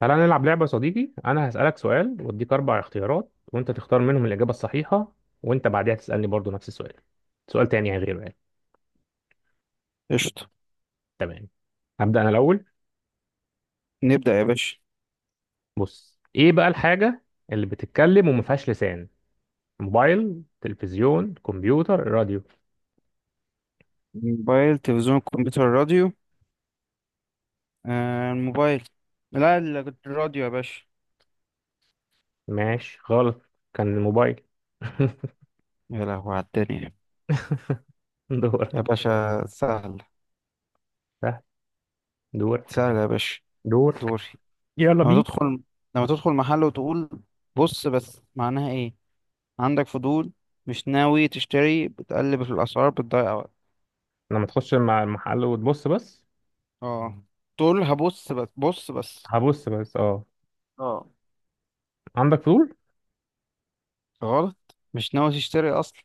تعالى نلعب لعبة يا صديقي، أنا هسألك سؤال وأديك أربع اختيارات وأنت تختار منهم الإجابة الصحيحة، وأنت بعدها تسألني برضو نفس السؤال، سؤال تاني يعني غيره يعني. قشطة. تمام. هبدأ أنا الأول. نبدأ يا باشا. بص، إيه بقى الحاجة اللي بتتكلم وما فيهاش لسان؟ موبايل، تلفزيون، كمبيوتر، راديو. موبايل، تلفزيون، كمبيوتر، راديو. آه، الموبايل. لا، الراديو يا باشا. ماشي، غلط، كان الموبايل. يا لهوي على الدنيا. دورك. يا باشا سهل سهل. دورك. سهل. يا باشا دورك. دوري. يلا لما بينا. تدخل لما تدخل محل وتقول بص بس. معناها ايه؟ عندك فضول، مش ناوي تشتري، بتقلب في الأسعار، بتضيع وقت. لما تخش مع المحل وتبص بس، اه، تقول هبص بس، بص بس. هبص بس، اه. اه، عندك فضول؟ غلط. مش ناوي تشتري أصلا.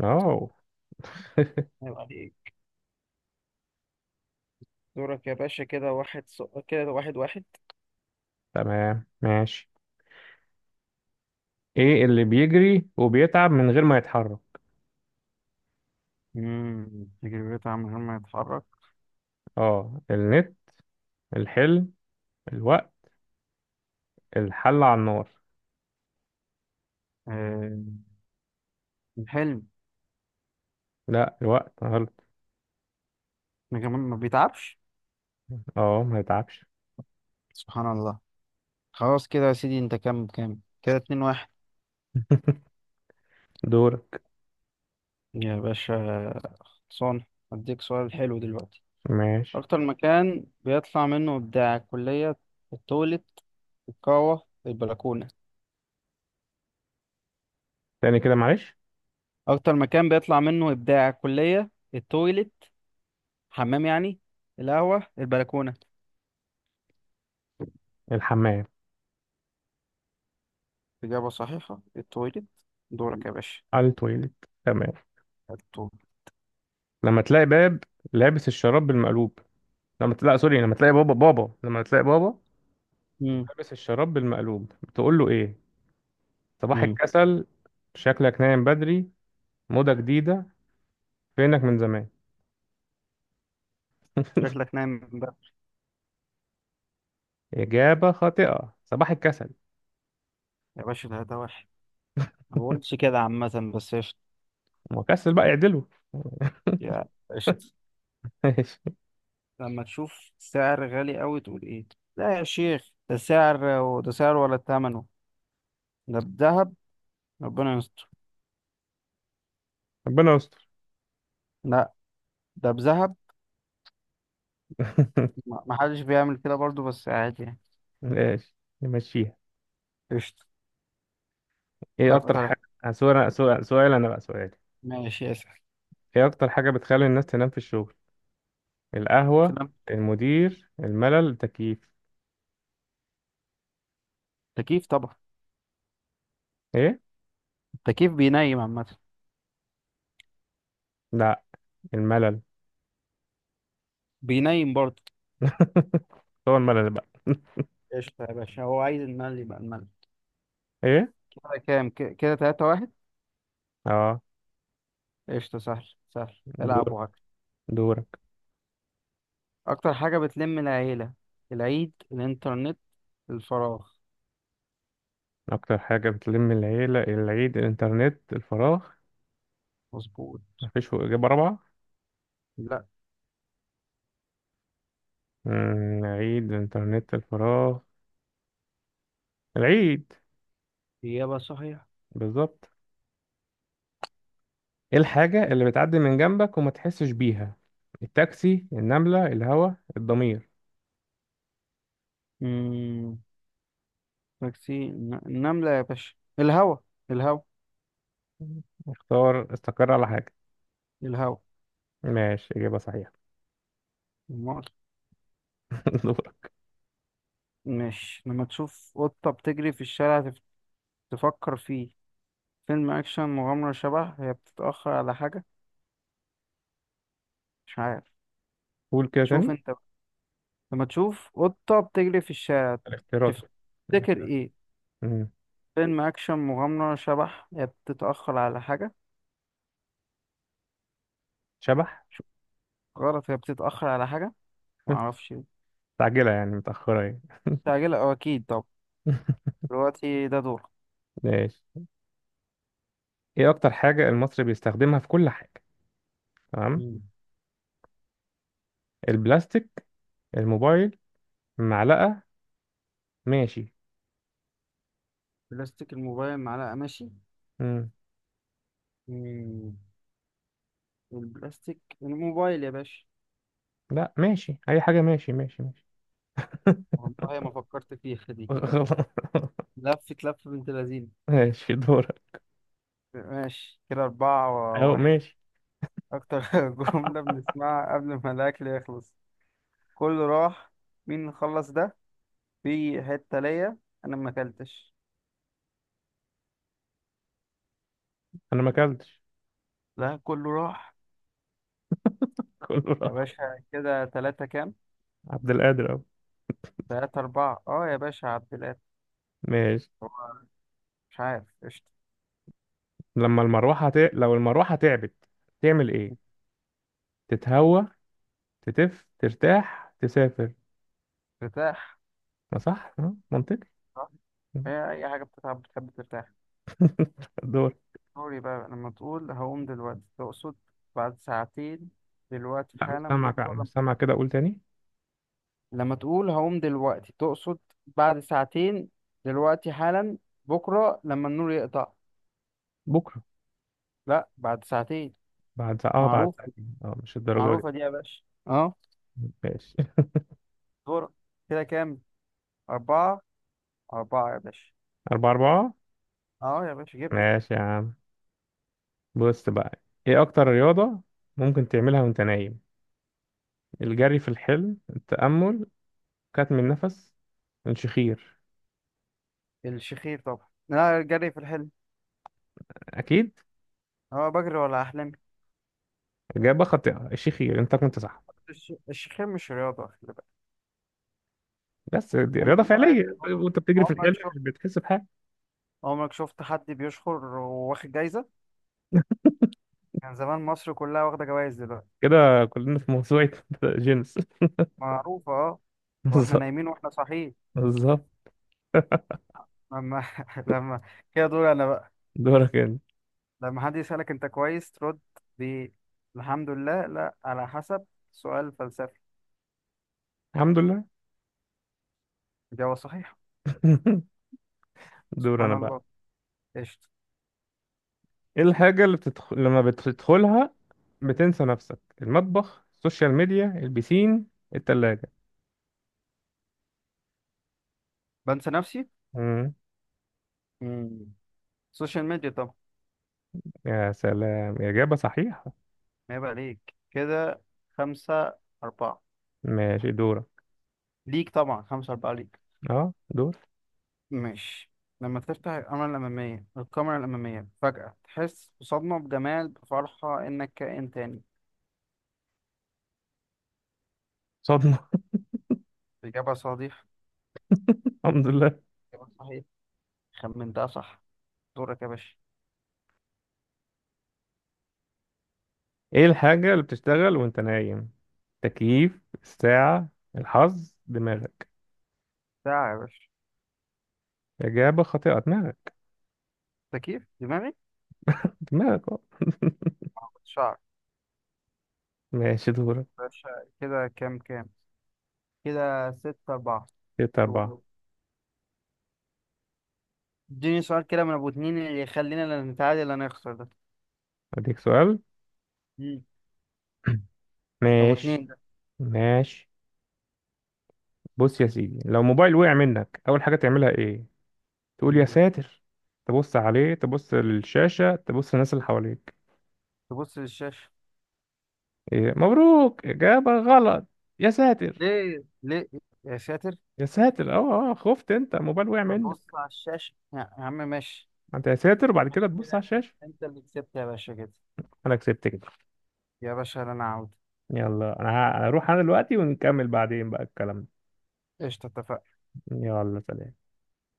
اه. عيب عليك. دورك يا باشا. كده واحد واحد. تمام، ماشي. ايه اللي بيجري وبيتعب من غير ما يتحرك؟ تجربته عامل من غير ما يتحرك. اه، النت، الحلم، الوقت، الحل على النار. آه. الحلم. لا، الوقت غلط، ما كمان ما بيتعبش. اه ما يتعبش. سبحان الله. خلاص كده يا سيدي. انت كام كام؟ كده 2-1. دورك. يا باشا صون. اديك سؤال حلو دلوقتي. ماشي، اكتر مكان بيطلع منه ابداع الكلية؟ التويلت، القهوة، البلكونة. تاني كده معلش. اكتر مكان بيطلع منه ابداع الكلية؟ التويلت، حمام يعني، القهوة، البلكونة. الحمام. إجابة صحيحة، التويلت. دورك يا باشا. على التويليت. تمام. التويلت. لما تلاقي باب لابس الشراب بالمقلوب لما تلاقي بابا مم. لابس الشراب بالمقلوب، بتقول له ايه؟ صباح مم. الكسل، شكلك نايم بدري، موضة جديدة، فينك من زمان. شكلك نايم بقى. إجابة خاطئة، صباح الكسل. يا باشا، ده وحش. ما بقولش كده عامة، بس قشطة. وكسل بقى يعدله. يا قشطة. ماشي. لما تشوف سعر غالي قوي تقول ايه؟ لا يا شيخ، ده سعر، وده سعر ولا ثمنه. ده بذهب. ربنا يستر. ربنا يستر. لا، ده بذهب. ما حدش بيعمل كده برضو، بس عادي يعني. ماشي، نمشيها. قشطة. ايه اكتر اكتر. حاجه، سؤال، انا بقى سؤالي. ماشي يا سعر. ايه اكتر حاجه بتخلي الناس تنام في الشغل؟ القهوه، سلام. المدير، الملل، التكييف. تكييف طبعا. ايه؟ التكييف بينيم عامة. لا، الملل. بينيم برضه. هو الملل بقى. قشطة يا باشا. هو عايز المال يبقى المال. ايه. كده كام؟ كده 3-1. اه، قشطة، سهل سهل. العب دور. وهكذا. دورك. اكتر حاجة بتلم العيلة؟ العيد، الانترنت، الفراغ. اكتر حاجه بتلم العيله، العيد، الانترنت، الفراغ؟ مظبوط. مفيش اجابه رابعه؟ لا. عيد، الانترنت، الفراغ. العيد. اجابة صحيحة. بالظبط. ايه الحاجة اللي بتعدي من جنبك وما تحسش بيها؟ التاكسي، النملة، الهوا، الضمير. امم تاكسي، النملة يا باشا، الهوا. الهوا. اختار، استقر على حاجة. الهوا. ماشي، إجابة صحيحة. امال. دورك. مش لما تشوف قطة بتجري في الشارع تفكر فيه؟ فيلم اكشن، مغامرة، شبح، هي بتتأخر على حاجة؟ مش عارف. قول كده شوف تاني، انت بقى. لما تشوف قطة بتجري في الشارع الاختيارات. تفتكر الاختيارات. ايه؟ مم. فيلم اكشن، مغامرة، شبح، هي بتتأخر على حاجة؟ شبح. غلط، هي بتتأخر على حاجة. معرفش. مستعجلة يعني، متأخرة يعني. مستعجلة أو أكيد طب. دلوقتي ده دور. ماشي. ايه أكتر حاجة المصري بيستخدمها في كل حاجة؟ تمام. مم. البلاستيك، الموبايل، معلقة. ماشي. بلاستيك، الموبايل، معلقة، ماشي. مم. مم. البلاستيك، الموبايل يا باشا. لا، ماشي، أي حاجة، ماشي ماشي ماشي. والله ما فكرت فيها دي. غلط. لفة لفة بنت لذينة. ماشي، دورك. ماشي كده أربعة أهو وواحد. ماشي. أكتر جملة بنسمعها قبل ما الأكل يخلص: كله راح، مين خلص ده، في حتة ليا، أنا ما أكلتش. انا ما اكلتش. لا، كله راح. كله يا راح. باشا كده تلاتة كام؟ عبد القادر اهو. 3-4. أه يا باشا عبد. ماشي. هو مش عارف. قشطة. لو المروحه تعبت، تعمل ايه؟ تتهوى، ترتاح، تسافر. ارتاح. ما صح أه، منطقي صح؟ أه. هي أي حاجة بتتعب بتحب ترتاح. الدور. قولي بقى، لما تقول هقوم دلوقتي تقصد: بعد ساعتين، دلوقتي لا مش حالا، سامع كده، بكرة لما. مش سامع كده، اقول تاني. لما تقول هقوم دلوقتي تقصد: بعد ساعتين، دلوقتي حالا، بكرة لما النور يقطع. بكره. لا، بعد ساعتين. بعد ساعه اه، بعد معروفة. ساعتين اه، مش الدرجه دي. معروفة دي يا باشا. اه. ماشي. دورك. كده كام؟ 4-4 يا باشا. أربعة أربعة. اه يا باشا جبت. ماشي يا عم. بص بقى، إيه أكتر رياضة ممكن تعملها وأنت نايم؟ الجري في الحلم، التأمل، كتم النفس، الشخير. الشخير طبعا. لا، جري في الحلم. أكيد. اه بجري ولا أحلم. إجابة خاطئة، الشيخي أنت كنت صح. الشيخين مش رياضة، خلي بالك. بس دي رياضة عمرك واحد فعلية، طيب وأنت بتجري في عمرك الحلم شفت مش بتحس بحاجة؟ عمرك شفت حد بيشخر وواخد جايزة؟ كان زمان مصر كلها واخدة جوايز دلوقتي. كده. كلنا في موسوعة جينيس. معروفة اه. واحنا بالظبط. نايمين واحنا صاحيين. بالظبط. لما لما كده دول انا بقى. دورك أنت. لما حد يسألك انت كويس ترد: ب الحمد لله، لا، على حسب، سؤال فلسفي. الحمد لله. إجابة صحيحة. دور سبحان أنا بقى. الله. قشطة. إيه الحاجة اللي لما بتدخلها بتنسى نفسك؟ المطبخ، السوشيال ميديا، البسين، التلاجة. بنسى نفسي. مم. مم. سوشيال ميديا طبعا. يا سلام، إجابة صحيحة. ما يبقى ليك كده 5-4. ماشي، دورك. ليك طبعا. 5-4 ليك. أه، دور. ماشي. لما تفتح الكاميرا الأمامية، فجأة تحس بصدمة، بجمال، بفرحة، إنك كائن تاني. صدمة. إجابة صحيح. الحمد لله. إجابة صحيح. خمنتها صح. دورك يا باشا. ايه الحاجة اللي بتشتغل وانت نايم؟ تكييف، الساعة، الحظ، دماغك. ساعة يا باشا. إجابة خاطئة، دماغك. تكييف دماغي. دماغك اه. آه، شعر. ماشي، دورك. باشا كده كام كام؟ كده 6-4. ستة دور. أربعة. اديني سؤال كده من أبو اتنين، اللي يخلينا لا نتعادل لا نخسر ده. أديك سؤال. مم. أبو ماشي. اتنين ده. ماشي. بص يا سيدي، لو موبايل وقع منك أول حاجة تعملها إيه؟ تقول يا مم. ساتر، تبص عليه، تبص للشاشة، تبص للناس اللي حواليك. تبص للشاشة. إيه؟ مبروك، إجابة غلط. يا ساتر. ليه ليه؟ يا ساتر. يا ساتر، اه اه، خفت، أنت الموبايل وقع منك. ببص على الشاشة يا عم. ماشي. ما أنت يا ساتر وبعد كده ماشي تبص على كده. الشاشة. انت اللي كسبت يا باشا كده. أنا كسبت كده. يا باشا انا عاود. يلا انا هروح انا دلوقتي، ونكمل بعدين بقى الكلام. قشطة، اتفقنا. يلا سلام.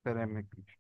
سلام.